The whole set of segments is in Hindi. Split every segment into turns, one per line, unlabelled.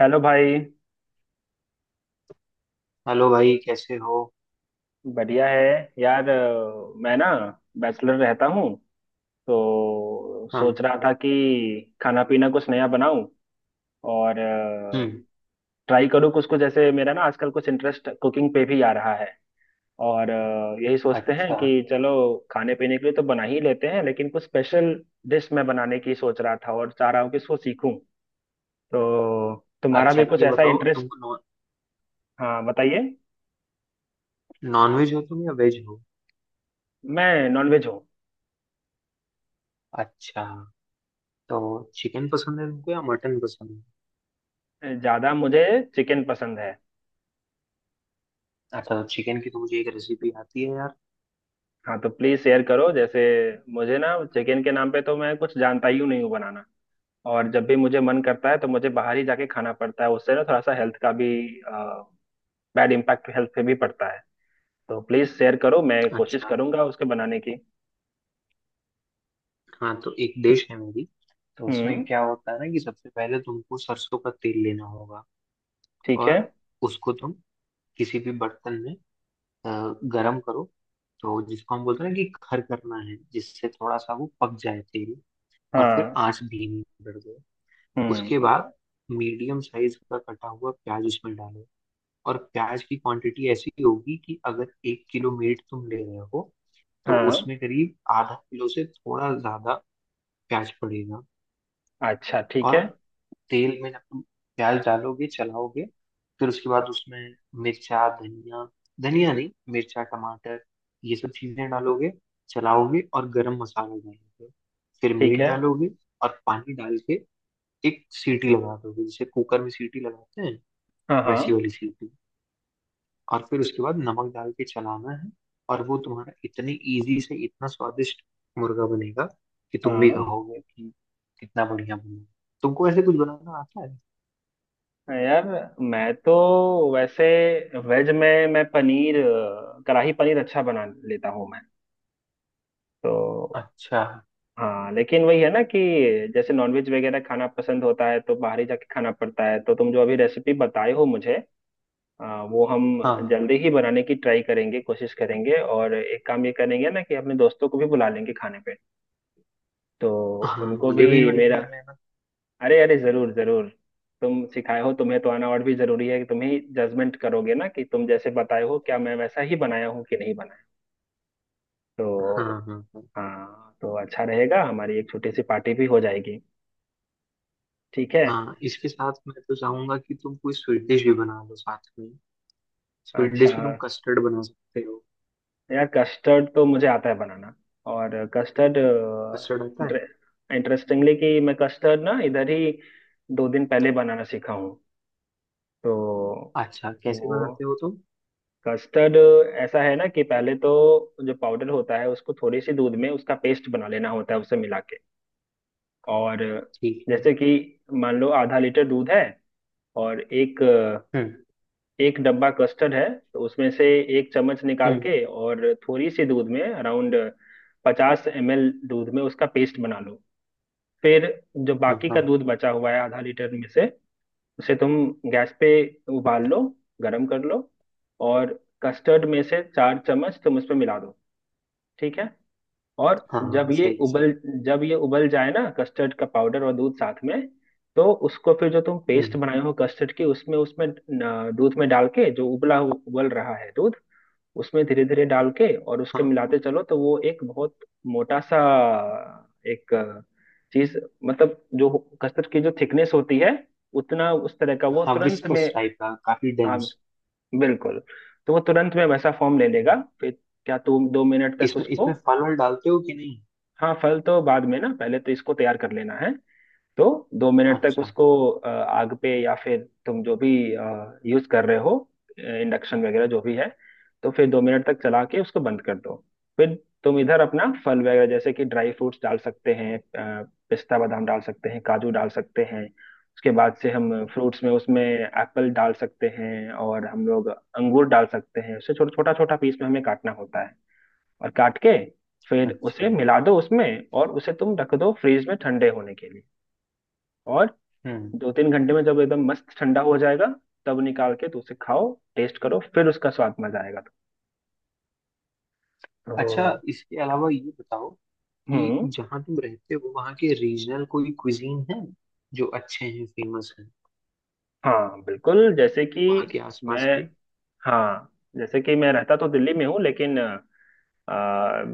हेलो भाई।
हेलो भाई, कैसे हो?
बढ़िया है। यार, मैं ना बैचलर रहता हूँ तो
हाँ।
सोच रहा था कि खाना पीना कुछ नया बनाऊं और
हम्म।
ट्राई करूँ कुछ कुछ, जैसे मेरा ना आजकल कुछ इंटरेस्ट कुकिंग पे भी आ रहा है। और यही सोचते हैं
अच्छा।
कि चलो खाने पीने के लिए तो बना ही लेते हैं, लेकिन कुछ स्पेशल डिश मैं बनाने की सोच रहा था और चाह रहा हूँ कि इसको सीखूं। तो तुम्हारा
अच्छा,
भी कुछ
ये
ऐसा
बताओ, तुम
इंटरेस्ट? हाँ, बताइए।
नॉन वेज हो तुम या वेज हो?
मैं नॉनवेज हूँ।
अच्छा, तो चिकन पसंद है तुमको या मटन पसंद है?
ज्यादा मुझे चिकन पसंद है।
अच्छा, तो चिकन की तो मुझे एक रेसिपी आती है यार।
हाँ तो प्लीज शेयर करो। जैसे मुझे ना चिकन के नाम पे तो मैं कुछ जानता ही नहीं हूँ बनाना, और जब भी मुझे मन करता है तो मुझे बाहर ही जाके खाना पड़ता है। उससे ना थोड़ा सा हेल्थ का भी बैड इम्पैक्ट हेल्थ पे भी पड़ता है। तो प्लीज शेयर करो, मैं कोशिश
अच्छा।
करूंगा उसके बनाने की।
हाँ, तो एक डिश है मेरी। तो उसमें
हम्म।
क्या होता है ना कि सबसे पहले तुमको सरसों का तेल लेना होगा।
ठीक है।
और उसको तुम किसी भी बर्तन में अ, गरम करो। तो जिसको हम बोलते हैं ना कि खर करना है, जिससे थोड़ा सा वो पक जाए तेल। और फिर
हाँ।
आंच धीमी कर दो।
हम्म।
उसके बाद मीडियम साइज का कटा हुआ प्याज उसमें डालो। और प्याज की क्वांटिटी ऐसी होगी कि अगर एक किलो मीट तुम ले रहे हो तो
हाँ।
उसमें करीब आधा किलो से थोड़ा ज्यादा प्याज पड़ेगा।
अच्छा, ठीक
और
है।
तेल में जब तुम प्याज डालोगे, चलाओगे, फिर उसके बाद उसमें मिर्चा धनिया, धनिया नहीं, मिर्चा टमाटर, ये सब चीजें डालोगे, चलाओगे, और गरम मसाला डालोगे, फिर
ठीक
मीट
है।
डालोगे। और पानी डाल के एक सीटी लगा दोगे, जैसे कुकर में सीटी लगाते हैं,
हाँ हाँ
वैसी वाली सीटी। और फिर उसके बाद नमक डाल के चलाना है। और वो तुम्हारा इतनी इजी से इतना स्वादिष्ट मुर्गा बनेगा कि तुम भी
हाँ।
कहोगे कि कितना बढ़िया बना। तुमको ऐसे कुछ बनाना आता है?
यार मैं तो वैसे वेज में मैं कढ़ाई पनीर अच्छा बना लेता हूँ मैं। तो
अच्छा।
हाँ, लेकिन वही है ना कि जैसे नॉनवेज वगैरह खाना पसंद होता है तो बाहर ही जाके खाना पड़ता है। तो तुम जो अभी रेसिपी बताए हो मुझे, वो हम
हाँ,
जल्दी ही बनाने की ट्राई करेंगे, कोशिश करेंगे। और एक काम ये करेंगे ना कि अपने दोस्तों को भी बुला लेंगे खाने पे, तो
हाँ,
उनको
मुझे
भी
भी इनवाइट
मेरा।
कर लेना।
अरे अरे, जरूर जरूर। तुम सिखाए हो, तुम्हें तो आना और भी जरूरी है कि तुम ही जजमेंट करोगे ना कि तुम जैसे बताए हो क्या मैं वैसा ही बनाया हूँ कि नहीं बनाया।
हाँ,
तो
हाँ, हाँ।
हाँ, तो अच्छा रहेगा, हमारी एक छोटी सी पार्टी भी हो जाएगी। ठीक है।
हाँ, इसके साथ मैं तो चाहूंगा कि तुम कोई स्वीट डिश भी बना लो साथ में। स्वीट डिश
अच्छा।
में तुम कस्टर्ड बना सकते हो।
यार कस्टर्ड तो मुझे आता है बनाना। और कस्टर्ड
कस्टर्ड आता है?
इंटरेस्टिंगली कि मैं कस्टर्ड ना इधर ही दो दिन पहले बनाना सीखा हूँ। तो
अच्छा, कैसे
वो
बनाते हो तुम?
कस्टर्ड ऐसा है ना कि पहले तो जो पाउडर होता है उसको थोड़ी सी दूध में उसका पेस्ट बना लेना होता है, उसे मिला के। और
ठीक है।
जैसे कि मान लो आधा लीटर दूध है और एक
हम्म।
एक डब्बा कस्टर्ड है, तो उसमें से एक चम्मच निकाल
हम्म।
के और थोड़ी सी दूध में, अराउंड 50 ml दूध में, उसका पेस्ट बना लो। फिर जो
हाँ,
बाकी का
हाँ।
दूध बचा हुआ है आधा लीटर में से, उसे तुम गैस पे उबाल लो, गरम कर लो। और कस्टर्ड में से 4 चम्मच तुम उसमें मिला दो। ठीक है। और
हाँ,
जब ये
सही सही।
उबल जब ये उबल जाए ना, कस्टर्ड का पाउडर और दूध साथ में, तो उसको फिर जो तुम
हम्म।
पेस्ट बनाए हो कस्टर्ड की, उसमें उसमें न, दूध में डाल के, जो उबल रहा है दूध, उसमें धीरे धीरे डाल के और उसके
हाँ।
मिलाते चलो। तो वो एक बहुत मोटा सा एक चीज, मतलब जो कस्टर्ड की जो थिकनेस होती है, उतना उस तरह का वो
हाँ,
तुरंत में।
विस्कोस टाइप का, काफी
हाँ,
डेंस।
बिल्कुल। तो वो तुरंत में वैसा फॉर्म ले लेगा। फिर क्या, तुम 2 मिनट तक
इसमें
उसको।
इसमें फल वल डालते हो कि नहीं?
हाँ, फल तो बाद में ना, पहले तो इसको तैयार कर लेना है। तो 2 मिनट तक
अच्छा।
उसको आग पे, या फिर तुम जो भी यूज कर रहे हो, इंडक्शन वगैरह जो भी है, तो फिर 2 मिनट तक चला के उसको बंद कर दो। फिर तुम इधर अपना फल वगैरह जैसे कि ड्राई फ्रूट्स डाल सकते हैं, पिस्ता बादाम डाल सकते हैं, काजू डाल सकते हैं। उसके बाद से हम फ्रूट्स में उसमें एप्पल डाल सकते हैं और हम लोग अंगूर डाल सकते हैं। उसे छोटा छोटा छोटा पीस में हमें काटना होता है, और काट के फिर
अच्छा।
उसे मिला दो उसमें। और उसे तुम रख दो फ्रीज में ठंडे होने के लिए। और
हम्म।
2-3 घंटे में जब एकदम मस्त ठंडा हो जाएगा, तब निकाल के तो उसे खाओ, टेस्ट करो, फिर उसका स्वाद, मजा आएगा।
अच्छा,
तो
इसके अलावा ये बताओ
हम्म।
कि जहाँ तुम रहते हो वहाँ के रीजनल कोई क्विजीन है जो अच्छे हैं, फेमस हैं,
हाँ बिल्कुल, जैसे कि
वहाँ के आसपास
मैं,
के?
हाँ जैसे कि मैं रहता तो दिल्ली में हूँ, लेकिन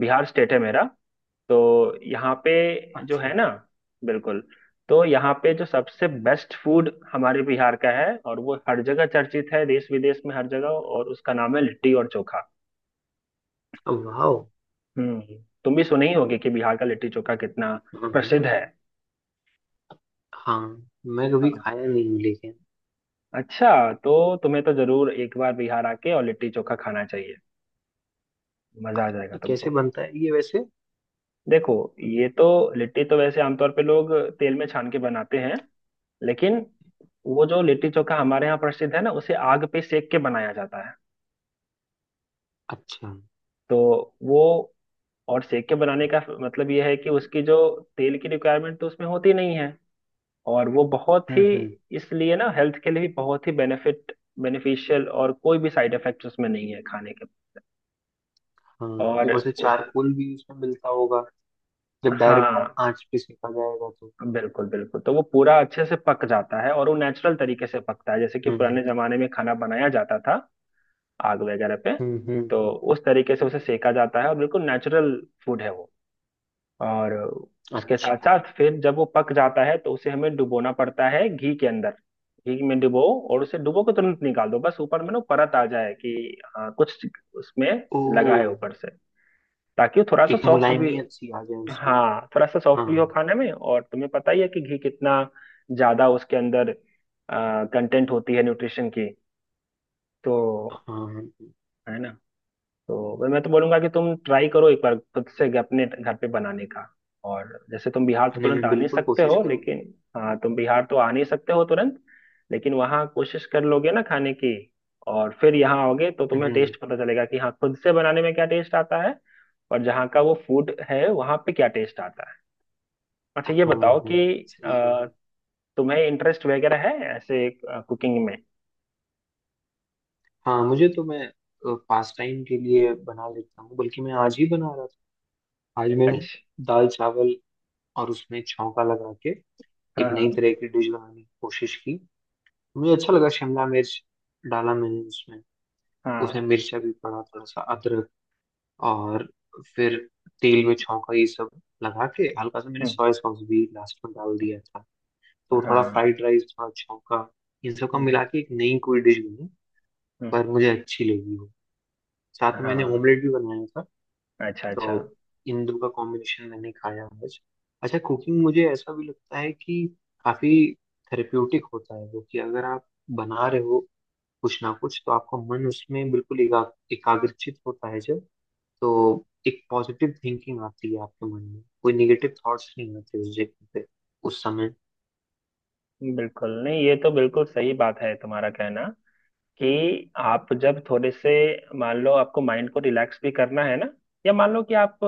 बिहार स्टेट है मेरा। तो यहाँ पे जो
अच्छा।
है ना, बिल्कुल, तो यहाँ पे जो सबसे बेस्ट फूड हमारे बिहार का है, और वो हर जगह चर्चित है, देश विदेश में हर जगह, और उसका नाम है लिट्टी और चोखा।
वाओ।
हम्म। तुम भी सुने ही होगे कि बिहार का लिट्टी चोखा कितना
हाँ, हाँ,
प्रसिद्ध है।
हाँ। मैं कभी
हाँ।
खाया नहीं हूँ लेकिन।
अच्छा। तो तुम्हें तो जरूर एक बार बिहार आके और लिट्टी चोखा खाना चाहिए, मजा आ जाएगा
ये कैसे
तुमको।
बनता है ये वैसे?
देखो, ये तो, लिट्टी तो वैसे आमतौर पे लोग तेल में छान के बनाते हैं, लेकिन वो जो लिट्टी चोखा हमारे यहाँ प्रसिद्ध है ना, उसे आग पे सेक के बनाया जाता है।
अच्छा, हम्म।
तो वो, और सेक के बनाने का मतलब ये है कि उसकी जो तेल की रिक्वायरमेंट तो उसमें होती नहीं है, और वो बहुत ही,
हम्म।
इसलिए ना हेल्थ के लिए भी बहुत ही बेनिफिट बेनिफिशियल, और कोई भी साइड इफेक्ट उसमें नहीं है खाने के।
हाँ।
और
ऊपर से
उस
चारकोल भी उसमें मिलता होगा जब डायरेक्ट
हाँ,
आंच पे सेका जाएगा तो।
बिल्कुल बिल्कुल, तो वो पूरा अच्छे से पक जाता है और वो नेचुरल तरीके से पकता है, जैसे कि
हम्म,
पुराने जमाने में खाना बनाया जाता था आग वगैरह पे।
हम्म, हम्म।
तो
हम्म।
उस तरीके से उसे सेका जाता है, और बिल्कुल नेचुरल फूड है वो। और उसके साथ
अच्छा।
साथ फिर जब वो पक जाता है तो उसे हमें डुबोना पड़ता है घी के अंदर, घी में डुबो। और उसे डुबो के तुरंत निकाल दो, बस ऊपर में ना परत आ जाए कि हाँ कुछ उसमें
ओ।
लगा है ऊपर से, ताकि वो थोड़ा सा
एक
सॉफ्ट भी,
मुलायमियत सी आ जाए उसमें।
हाँ थोड़ा सा
हाँ।
सॉफ्ट भी हो खाने में। और तुम्हें पता ही है कि घी कितना ज्यादा उसके अंदर कंटेंट होती है न्यूट्रिशन की, तो
हाँ,
है ना। तो मैं तो बोलूंगा कि तुम ट्राई करो एक बार खुद से अपने घर पे बनाने का। और जैसे तुम बिहार तो
नहीं,
तुरंत
मैं
आ नहीं
बिल्कुल
सकते
कोशिश
हो लेकिन,
करूंगा।
हाँ, तुम बिहार तो आ नहीं सकते हो तुरंत, लेकिन वहाँ कोशिश कर लोगे ना खाने की, और फिर यहाँ आओगे तो तुम्हें
हम्म।
टेस्ट पता चलेगा कि हाँ, खुद से बनाने में क्या टेस्ट आता है और जहाँ का वो फूड है वहाँ पे क्या टेस्ट आता है। अच्छा
हाँ,
ये बताओ
हाँ,
कि
सही कह रहे
अ,
हैं।
तुम्हें इंटरेस्ट वगैरह है ऐसे कुकिंग में?
हाँ, मुझे तो, मैं पास टाइम के लिए बना लेता हूँ, बल्कि मैं आज ही बना रहा था। आज मैं
अच्छा।
दाल चावल और उसमें छौंका लगा के
हाँ
एक
हाँ
नई तरह की डिश बनाने की कोशिश की। मुझे अच्छा लगा। शिमला मिर्च डाला मैंने उसमें। उसमें
हाँ।
मिर्चा भी पड़ा, थोड़ा सा अदरक, और फिर तेल में छौंका ये सब लगा के, हल्का सा मैंने
हम्म।
सोया सॉस भी लास्ट में डाल दिया था। तो थोड़ा
हाँ।
फ्राइड राइस, थोड़ा छौंका, इन सब का मिला
हम्म।
के एक नई कोई डिश बनी,
हम्म।
पर मुझे अच्छी लगी वो। साथ में मैंने
हाँ।
ऑमलेट भी बनाया था।
अच्छा
तो
अच्छा।
इन दो का कॉम्बिनेशन मैंने खाया आज। अच्छा, कुकिंग मुझे ऐसा भी लगता है कि काफी थेरेप्यूटिक होता है वो, कि अगर आप बना रहे हो कुछ ना कुछ, तो आपका मन उसमें बिल्कुल एकाग्रचित होता है। जब तो एक पॉजिटिव थिंकिंग आती है आपके मन में, कोई निगेटिव थॉट्स नहीं आते उस जगह पे, उस समय।
बिल्कुल नहीं, ये तो बिल्कुल सही बात है तुम्हारा कहना, कि आप जब थोड़े से, मान लो आपको माइंड को रिलैक्स भी करना है ना, या मान लो कि आप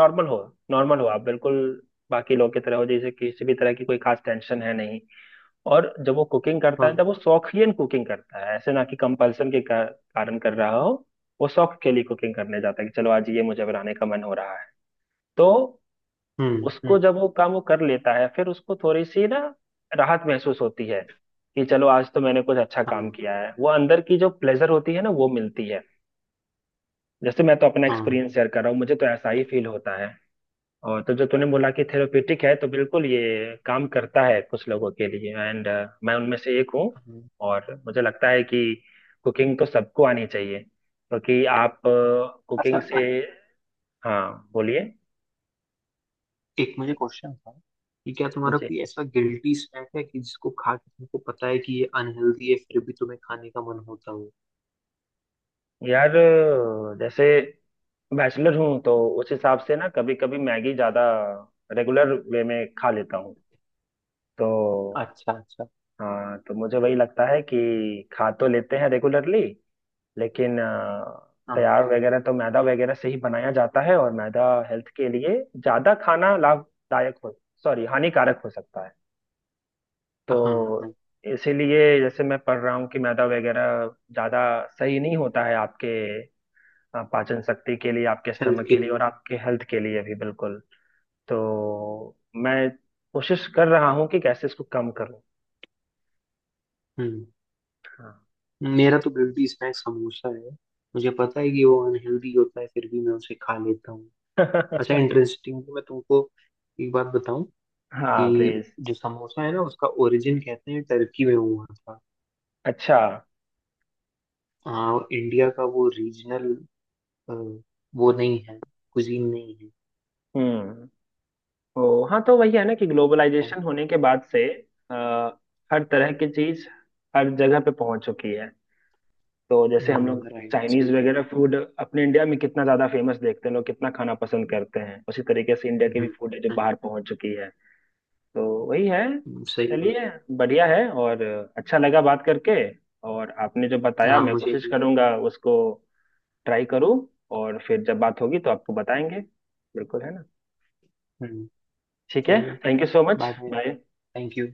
नॉर्मल हो, नॉर्मल हो आप बिल्कुल, बाकी लोग की तरह हो, जैसे किसी भी तरह की कोई खास टेंशन है नहीं, और जब वो कुकिंग करता
हाँ।
है तब वो शौकियन कुकिंग करता है, ऐसे ना कि कंपल्सन के कारण कर रहा हो। वो शौक के लिए कुकिंग करने जाता है कि चलो आज ये मुझे बनाने का मन हो रहा है। तो
हम्म,
उसको
हम्म।
जब वो काम वो कर लेता है, फिर उसको थोड़ी सी ना राहत महसूस होती है, कि चलो आज तो मैंने कुछ अच्छा काम
हाँ,
किया है, वो अंदर की जो प्लेजर होती है ना वो मिलती है। जैसे मैं तो अपना
हाँ,
एक्सपीरियंस शेयर कर रहा हूँ, मुझे तो ऐसा ही फील होता है। और तो जो तूने बोला कि थेरेपेटिक है, तो बिल्कुल ये काम करता है कुछ लोगों के लिए, एंड मैं उनमें से एक हूँ।
हाँ।
और मुझे लगता है कि कुकिंग तो सबको आनी चाहिए, क्योंकि आप
अच्छा,
कुकिंग से, हाँ बोलिए।
एक मुझे क्वेश्चन था, कि क्या तुम्हारा कोई ऐसा गिल्टी स्नैक है कि जिसको खा के तुमको पता है कि ये अनहेल्दी है फिर भी तुम्हें खाने का मन होता हो?
यार, जैसे बैचलर हूँ तो उस हिसाब से ना कभी कभी मैगी ज्यादा रेगुलर वे में खा लेता हूँ। तो
अच्छा। अच्छा।
हाँ, तो मुझे वही लगता है कि खा तो लेते हैं रेगुलरली, लेकिन तैयार
हाँ,
वगैरह तो मैदा वगैरह से ही बनाया जाता है, और मैदा हेल्थ के लिए ज्यादा खाना लाभदायक हो, सॉरी हानिकारक हो सकता है।
हाँ, हाँ।
तो इसीलिए जैसे मैं पढ़ रहा हूँ कि मैदा वगैरह ज्यादा सही नहीं होता है आपके, हाँ, पाचन शक्ति के लिए, आपके
हेल्थ
स्टमक
के
के लिए
लिए।
और आपके हेल्थ के लिए भी बिल्कुल। तो मैं कोशिश कर रहा हूँ कि कैसे इसको कम करूँ।
हम्म।
हाँ।
मेरा तो गिल्टी स्नैक समोसा है। मुझे पता है कि वो अनहेल्दी होता है फिर भी मैं उसे खा लेता हूँ। अच्छा, इंटरेस्टिंग। मैं तुमको एक बात बताऊं,
हाँ
कि
प्लीज।
जो समोसा है ना, उसका ओरिजिन कहते हैं टर्की में हुआ था।
अच्छा।
हाँ, इंडिया का वो रीजनल वो नहीं है, कुजीन नहीं है।
हम्म। ओ हाँ, तो वही है ना कि ग्लोबलाइजेशन होने के बाद से, अ, हर तरह की चीज हर जगह पे पहुंच चुकी है। तो जैसे हम
हाँ,
लोग
राइट,
चाइनीज
सही कह
वगैरह
रहे
फूड अपने इंडिया में कितना ज्यादा फेमस देखते हैं, लोग कितना खाना पसंद करते हैं, उसी तरीके से इंडिया
हैं।
की भी फूड है जो
हम्म,
बाहर पहुंच चुकी है। तो वही है।
सही बात।
चलिए, बढ़िया है। और अच्छा लगा बात करके। और आपने जो बताया
हाँ,
मैं
मुझे
कोशिश
भी।
करूंगा उसको ट्राई करूं, और फिर जब बात होगी तो आपको बताएंगे। बिल्कुल, है ना।
हम्म।
ठीक है।
चलो।
Thank you so much.
Bye bye.
Bye.
Thank you.